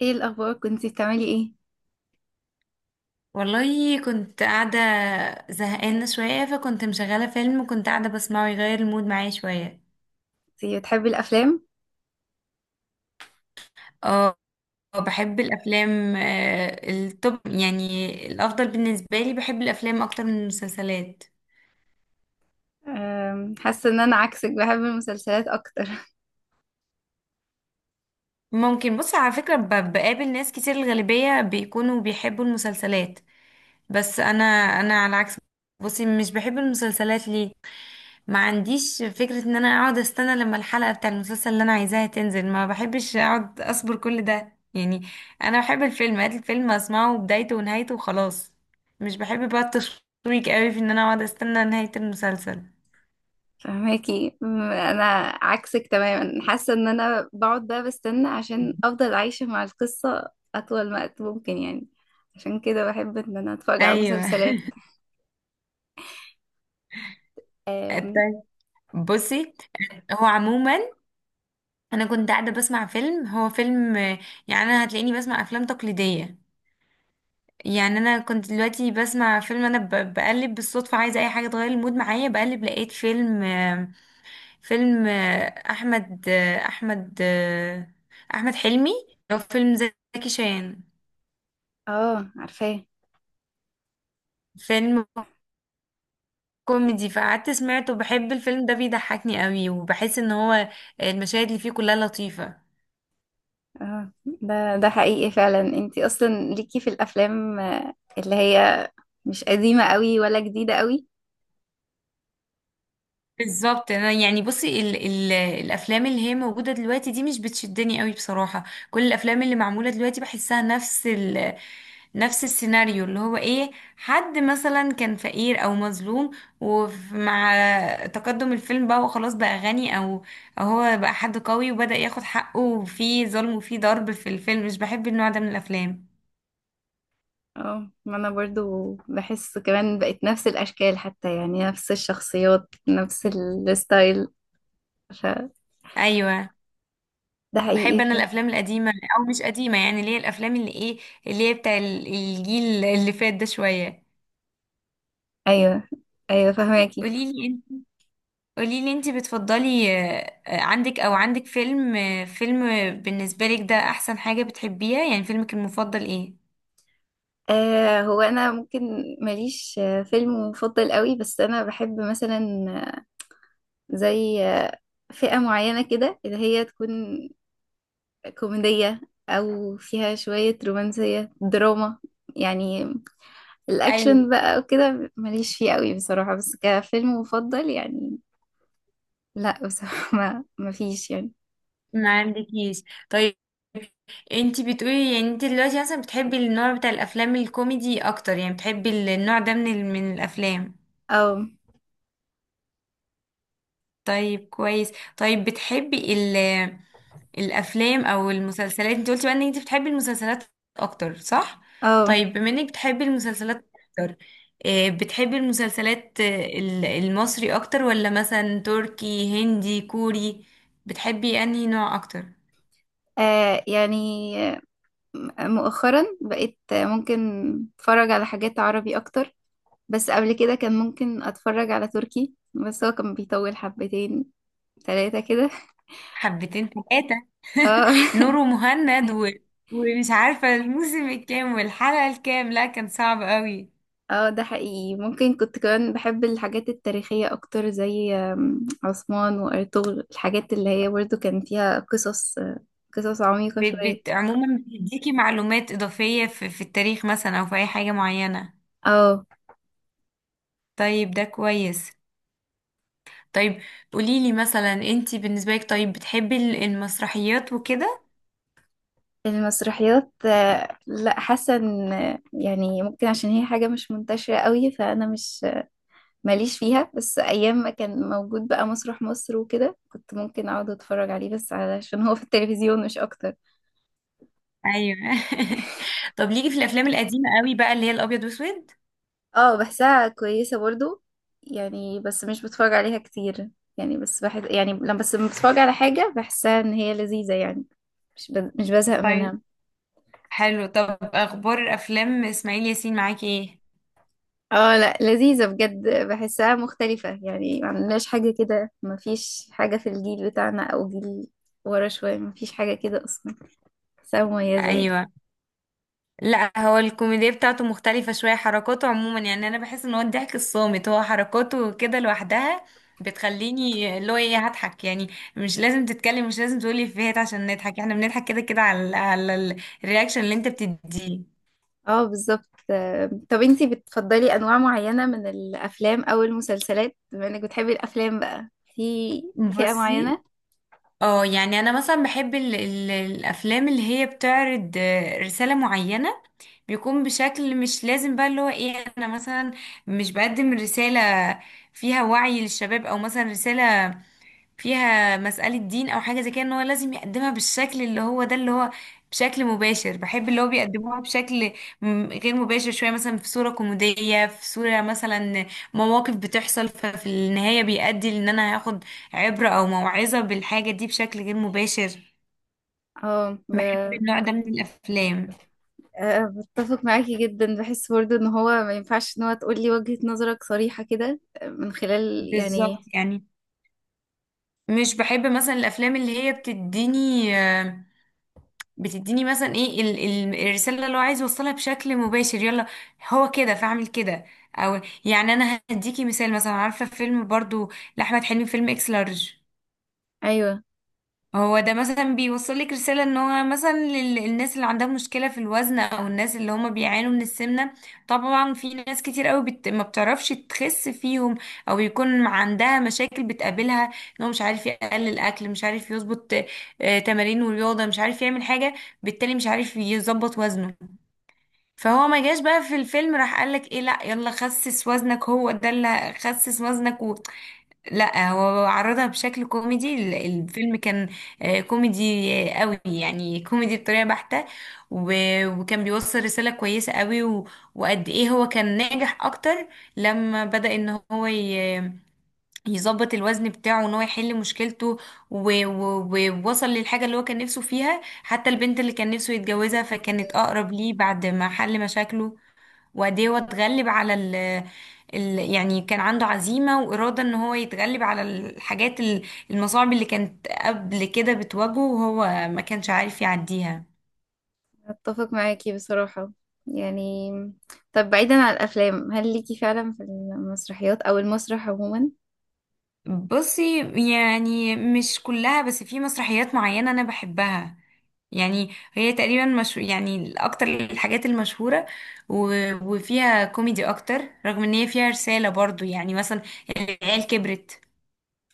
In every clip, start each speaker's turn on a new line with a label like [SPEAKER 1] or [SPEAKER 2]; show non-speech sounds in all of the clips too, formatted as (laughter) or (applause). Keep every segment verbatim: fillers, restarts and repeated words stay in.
[SPEAKER 1] ايه الاخبار؟ كنتي بتعملي ايه؟
[SPEAKER 2] والله كنت قاعدة زهقانة شوية، فكنت مشغلة فيلم وكنت قاعدة بسمعه يغير المود معايا شوية.
[SPEAKER 1] انتي بتحبي الافلام؟
[SPEAKER 2] اه، بحب الأفلام آه، التوب يعني، الأفضل بالنسبة لي بحب الأفلام أكتر من المسلسلات.
[SPEAKER 1] أم، حاسه ان انا عكسك، بحب المسلسلات اكتر.
[SPEAKER 2] ممكن بص، على فكرة ب- بقابل ناس كتير، الغالبية بيكونوا بيحبوا المسلسلات. بس أنا أنا على العكس. بصي، مش بحب المسلسلات ليه؟ ما عنديش فكرة ان انا اقعد استنى لما الحلقة بتاع المسلسل اللي انا عايزاها تنزل، ما بحبش اقعد اصبر كل ده يعني. انا بحب الفيلم، هات الفيلم اسمعه بدايته ونهايته وخلاص. مش بحب بقى التشويق قوي في ان انا اقعد استنى نهاية المسلسل.
[SPEAKER 1] (laughs) فهماكي. أم، انا عكسك تماما، حاسه ان انا بقعد بقى بستنى عشان افضل عايشه مع القصه اطول وقت ممكن يعني. عشان كده بحب ان انا اتفرج على
[SPEAKER 2] ايوه.
[SPEAKER 1] مسلسلات.
[SPEAKER 2] (laughs)
[SPEAKER 1] أم،
[SPEAKER 2] طيب، بصي، هو عموما انا كنت قاعدة بسمع فيلم، هو فيلم يعني انا هتلاقيني بسمع افلام تقليدية. يعني انا كنت دلوقتي بسمع فيلم، انا ب- بقلب بالصدفة عايزة اي حاجة تغير المود معايا، بقلب لقيت فيلم. فيلم آه، احمد آه، احمد آه، احمد حلمي، لو فيلم زكي شان.
[SPEAKER 1] اه، عارفاه.
[SPEAKER 2] فيلم كوميدي، فقعدت سمعته. بحب الفيلم ده بيضحكني قوي، وبحس ان هو المشاهد اللي فيه كلها لطيفة.
[SPEAKER 1] اه، ده ده حقيقي فعلا، انتي اصلا ليكي في الافلام آه، اللي هي مش قديمه قوي ولا جديده قوي.
[SPEAKER 2] بالظبط، انا يعني بصي ال ال الافلام اللي هي موجوده دلوقتي دي مش بتشدني قوي بصراحه. كل الافلام اللي معموله دلوقتي بحسها نفس ال نفس السيناريو، اللي هو ايه؟ حد مثلا كان فقير او مظلوم، ومع تقدم الفيلم بقى وخلاص بقى غني، او او هو بقى حد قوي وبدأ ياخد حقه، وفي ظلم وفي ضرب في الفيلم. مش بحب النوع ده من الافلام.
[SPEAKER 1] اه، ما انا برضو بحس كمان بقت نفس الاشكال، حتى يعني نفس الشخصيات، نفس الستايل، ف
[SPEAKER 2] ايوه.
[SPEAKER 1] ده
[SPEAKER 2] بحب
[SPEAKER 1] حقيقي
[SPEAKER 2] انا
[SPEAKER 1] فعلا.
[SPEAKER 2] الافلام القديمه، او مش قديمه يعني، اللي هي الافلام اللي ايه، اللي هي بتاع ال- الجيل اللي فات ده شويه.
[SPEAKER 1] ايوه، ايوه فهماكي.
[SPEAKER 2] قولي لي انت قولي لي انت بتفضلي آه، آه، عندك، او عندك فيلم آه، فيلم بالنسبه لك ده احسن حاجه بتحبيها يعني، فيلمك المفضل ايه؟
[SPEAKER 1] آه، هو انا ممكن ماليش آه، فيلم مفضل قوي، بس انا بحب مثلا آه، زي آه، فئة معينة كده، اللي هي تكون كوميدية او فيها شوية رومانسية دراما يعني.
[SPEAKER 2] ايوه.
[SPEAKER 1] الاكشن بقى وكده ماليش فيه قوي بصراحة، بس كفيلم مفضل يعني لا بصراحة (laughs) ما ما فيش يعني.
[SPEAKER 2] ما عندكيش؟ طيب، انت بتقولي يعني انت دلوقتي مثلا بتحبي النوع بتاع الافلام الكوميدي اكتر. يعني بتحبي ال- النوع ده من ال- من الافلام.
[SPEAKER 1] او،
[SPEAKER 2] طيب، كويس. طيب، بتحبي ال الافلام او المسلسلات؟ انت قلتي بقى ان انت بتحبي المسلسلات اكتر، صح؟
[SPEAKER 1] او،
[SPEAKER 2] طيب، بما انك بتحبي المسلسلات اكتر، آه، بتحبي المسلسلات آه، ال- المصري اكتر، ولا مثلا تركي، هندي، كوري؟ بتحبي انهي نوع اكتر؟
[SPEAKER 1] آه يعني مؤخرا بقيت ممكن اتفرج على حاجات عربي اكتر، بس قبل كده كان ممكن اتفرج على تركي، بس هو كان بيطول حبتين ثلاثة كده.
[SPEAKER 2] حبتين ثلاثة.
[SPEAKER 1] اه.
[SPEAKER 2] (laughs) نور ومهند و...
[SPEAKER 1] (laughs)
[SPEAKER 2] ومش عارفة الموسم الكام والحلقة الكام، لا كان صعب قوي.
[SPEAKER 1] اه، ده حقيقي، ممكن كنت كمان بحب الحاجات التاريخية أكتر زي آم، عثمان وأرطغرل، الحاجات اللي هي برضه كان فيها قصص قصص عميقة
[SPEAKER 2] بت... بت...
[SPEAKER 1] شوية.
[SPEAKER 2] عموما بتديكي معلومات إضافية في... في التاريخ مثلا أو في أي حاجة معينة.
[SPEAKER 1] اه.
[SPEAKER 2] طيب، ده كويس. طيب، قوليلي مثلا انتي بالنسبة لك، طيب بتحبي ال- المسرحيات وكده؟
[SPEAKER 1] المسرحيات آه، لا، حاسه ان آه، يعني ممكن عشان هي حاجه مش منتشره قوي، فانا مش ماليش فيها، بس ايام ما كان موجود بقى مسرح مصر وكده كنت ممكن اقعد اتفرج عليه، بس علشان هو في التلفزيون مش اكتر.
[SPEAKER 2] ايوه. (laughs) طب ليكي في الافلام القديمة قوي بقى، اللي هي الابيض واسود؟
[SPEAKER 1] اه، بحسها كويسه برضو يعني، بس مش بتفرج عليها كتير يعني، بس بحس يعني لما بس لما بتفرج على حاجه بحسها ان هي لذيذه يعني، مش ب... مش بزهق
[SPEAKER 2] طيب،
[SPEAKER 1] منها.
[SPEAKER 2] حلو. طب اخبار افلام اسماعيل ياسين معاكي ايه؟
[SPEAKER 1] اه لا، لذيذة بجد، بحسها مختلفة يعني، ما عندناش حاجة كده، ما فيش حاجة في الجيل بتاعنا او جيل ورا شوية، ما فيش حاجة كده اصلا، بحسها مميزة يعني.
[SPEAKER 2] ايوه، لا هو الكوميديا بتاعته مختلفة شوية، حركاته عموما. يعني انا بحس ان هو الضحك الصامت، هو حركاته كده لوحدها بتخليني اللي هو ايه، هضحك يعني. مش لازم تتكلم، مش لازم تقولي افيهات عشان نضحك، احنا بنضحك كده كده على على الرياكشن اللي انت بتديه.
[SPEAKER 1] اه بالظبط. آه، طب انتي بتفضلي انواع معينة من الافلام او المسلسلات، بما انك بتحبي الافلام بقى، في فئة
[SPEAKER 2] بصي،
[SPEAKER 1] معينة؟
[SPEAKER 2] اه يعني انا مثلا بحب ال ال الافلام اللي هي بتعرض آه، رساله معينه. بيكون بشكل مش لازم بقى اللي هو ايه، انا مثلا مش بقدم رساله فيها وعي للشباب، او مثلا رساله فيها مسألة دين أو حاجة زي كده، إن هو لازم يقدمها بالشكل اللي هو ده، اللي هو بشكل مباشر. بحب اللي هو بيقدموها بشكل م- غير مباشر شوية، مثلا في صورة كوميدية، في صورة مثلا مواقف بتحصل، ففي النهاية بيؤدي لأن أنا هاخد عبرة أو موعظة بالحاجة دي بشكل غير مباشر.
[SPEAKER 1] اه ب...
[SPEAKER 2] بحب النوع ده من الأفلام.
[SPEAKER 1] آه، بتفق معاكي جدا، بحس برضو ان هو ما ينفعش ان هو تقولي وجهة نظرك صريحة كده آه، من خلال
[SPEAKER 2] بالظبط
[SPEAKER 1] يعني.
[SPEAKER 2] يعني. مش بحب مثلا الأفلام اللي هي بتديني آه، بتديني مثلا ايه ال- ال- الرسالة اللي هو عايز يوصلها بشكل مباشر، يلا هو كده فاعمل كده. او يعني انا هديكي مثال، مثلا عارفة فيلم برضو لأحمد حلمي، فيلم اكس لارج؟
[SPEAKER 1] ايوه،
[SPEAKER 2] هو ده مثلا بيوصل لك رسالة ان هو مثلا لل- للناس اللي عندها مشكلة في الوزن، او الناس اللي هما بيعانوا من السمنة. طبعا في ناس كتير قوي بت... ما بتعرفش تخس فيهم، او يكون عندها مشاكل بتقابلها، ان هو مش عارف يقلل اكل، مش عارف يظبط آه، تمارين ورياضة، مش عارف يعمل حاجة، بالتالي مش عارف يظبط وزنه. فهو ما جاش بقى في الفيلم راح قالك ايه، لا يلا خسس وزنك، هو ده اللي خسس وزنك، لا هو عرضها بشكل كوميدي. ال- الفيلم كان آه، كوميدي آه، قوي يعني، كوميدي بطريقة بحتة، و- وكان بيوصل رسالة كويسة قوي، و- وقد ايه هو كان ناجح اكتر لما بدأ ان هو ي- يظبط الوزن بتاعه، ان هو يحل مشكلته، و- و- ووصل للحاجة اللي هو كان نفسه فيها، حتى البنت اللي كان نفسه يتجوزها فكانت اقرب ليه بعد ما حل مشاكله. وقد ايه هو اتغلب على ال ال يعني كان عنده عزيمة وإرادة ان هو يتغلب على الحاجات ال- المصاعب اللي كانت قبل كده بتواجهه وهو ما كانش عارف يعديها.
[SPEAKER 1] اتفق معاكي بصراحة يعني. طب بعيدا عن الافلام، هل ليكي فعلا في المسرحيات او المسرح عموما؟
[SPEAKER 2] بصي، يعني مش كلها بس في مسرحيات معينة انا بحبها. يعني هي تقريبا مش يعني اكتر الحاجات المشهورة، و... وفيها كوميدي اكتر، رغم ان هي فيها رسالة برضو. يعني مثلا العيال كبرت.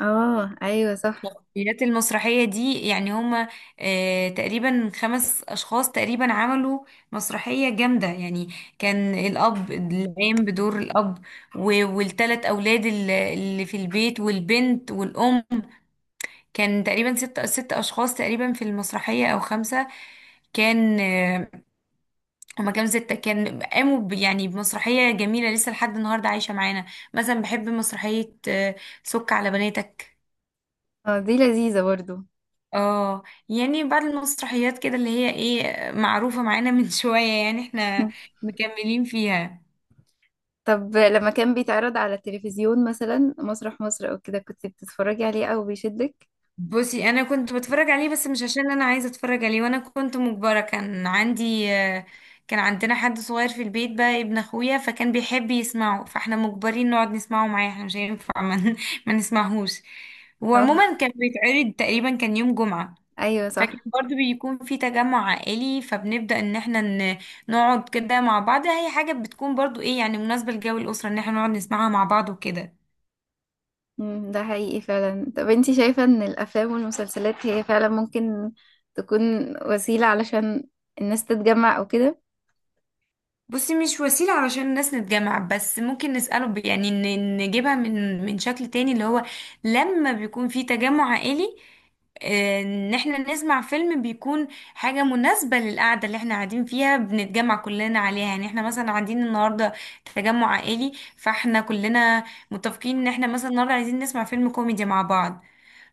[SPEAKER 1] اه ايوه صح.
[SPEAKER 2] مسرحيات، المسرحية دي يعني هما آه، تقريبا خمس أشخاص تقريبا، عملوا مسرحية جامدة يعني. كان الأب العام بدور الأب، و- والتلات أولاد ال- اللي في البيت، والبنت والأم. كان تقريبا ست ست أشخاص تقريبا في المسرحية أو خمسة، كان آه، هما كام، ستة، كان قاموا ب- يعني بمسرحية جميلة لسه لحد النهاردة عايشة معانا. مثلا بحب مسرحية آه، سك على بناتك.
[SPEAKER 1] اه دي لذيذة برضو.
[SPEAKER 2] اه. يعني بعد المسرحيات كده اللي هي ايه معروفة معانا (laughs) من شوية يعني، احنا
[SPEAKER 1] (laughs)
[SPEAKER 2] مكملين فيها.
[SPEAKER 1] طب لما كان بيتعرض على التلفزيون مثلا مسرح مصر او كده، كنت بتتفرجي عليه او بيشدك؟
[SPEAKER 2] بصي انا كنت بتفرج عليه، بس مش عشان انا عايزة اتفرج عليه، وانا كنت مجبرة. كان عندي آه، كان عندنا حد صغير في البيت بقى، ابن اخويا، فكان بيحب يسمعه، فاحنا مجبرين نقعد نسمعه معاه، احنا مش هينفع ما (laughs) ما نسمعهوش.
[SPEAKER 1] (laughs) اه
[SPEAKER 2] وعموما كان بيتعرض تقريبا كان يوم جمعة،
[SPEAKER 1] ايوه
[SPEAKER 2] فكان
[SPEAKER 1] صح.
[SPEAKER 2] برضو بيكون في تجمع عائلي، فبنبدأ ان احنا ن- نقعد كده مع بعض. هي حاجة بتكون برضو ايه يعني، مناسبة لجو الأسرة ان احنا نقعد نسمعها مع بعض وكده.
[SPEAKER 1] مم، ده حقيقي فعلا. طب انتي شايفة ان الافلام والمسلسلات هي فعلا ممكن تكون وسيلة علشان الناس تتجمع او كده؟
[SPEAKER 2] بصي، مش وسيلة علشان الناس نتجمع، بس ممكن نسأله ب- يعني ن- نجيبها من من شكل تاني، اللي هو لما بيكون في تجمع عائلي، آه، ان احنا نسمع فيلم بيكون حاجة مناسبة للقعدة اللي احنا قاعدين فيها، بنتجمع كلنا عليها. يعني احنا مثلا قاعدين النهاردة تجمع عائلي، فاحنا كلنا متفقين ان احنا مثلا النهاردة عايزين نسمع فيلم كوميدي مع بعض،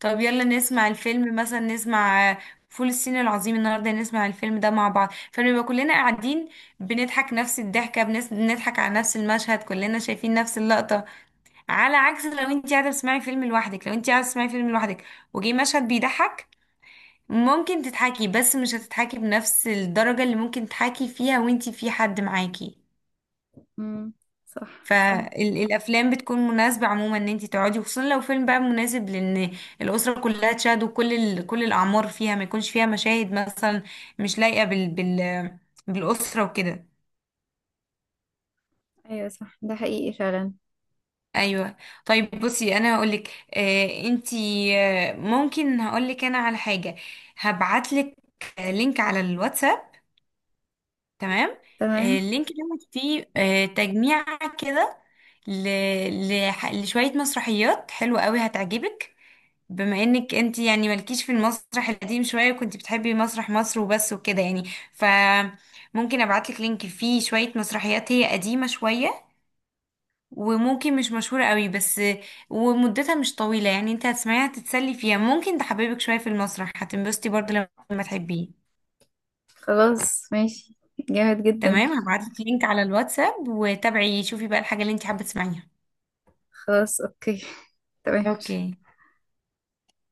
[SPEAKER 2] طب يلا نسمع الفيلم، مثلا نسمع آه، فول الصين العظيم النهارده. نسمع الفيلم ده مع بعض فنبقى كلنا قاعدين بنضحك نفس الضحكه، بنس- بنضحك على نفس المشهد، كلنا شايفين نفس اللقطه. على عكس لو انت قاعده بتسمعي فيلم لوحدك، لو انت قاعده تسمعي فيلم لوحدك وجي مشهد بيضحك، ممكن تضحكي بس مش هتضحكي بنفس الدرجه اللي ممكن تضحكي فيها وانت في حد معاكي.
[SPEAKER 1] امم، صح. صح.
[SPEAKER 2] فالافلام بتكون مناسبه عموما ان انت تقعدي، وخصوصا لو فيلم بقى مناسب لان الاسره كلها تشاهد، وكل ال... كل الاعمار فيها، ما يكونش فيها مشاهد مثلا مش لايقه بال... بال... بالاسره وكده.
[SPEAKER 1] ايوه صح، ده حقيقي فعلا.
[SPEAKER 2] ايوه. طيب، بصي انا هقول لك، آه انتي، آه ممكن هقول لك انا على حاجه. هبعت لك لينك على الواتساب، تمام؟ آه،
[SPEAKER 1] تمام.
[SPEAKER 2] اللينك دوت فيه آه، تجميع كده ل... لح- لشوية مسرحيات حلوة قوي هتعجبك. بما انك انت يعني مالكيش في المسرح القديم شوية، كنت بتحبي مسرح مصر وبس وكده يعني، فممكن ابعتلك لينك فيه شوية مسرحيات هي قديمة شوية وممكن مش مشهورة قوي، بس ومدتها مش طويلة يعني، انت هتسمعيها تتسلي فيها، ممكن تحببك شوية في المسرح، هتنبسطي برضه لما تحبيه.
[SPEAKER 1] خلاص ماشي، جامد جدا.
[SPEAKER 2] تمام، هبعتلك لينك على الواتساب، وتابعي شوفي بقى الحاجة اللي انت حابة تسمعيها.
[SPEAKER 1] خلاص، اوكي. تمام.
[SPEAKER 2] اوكي.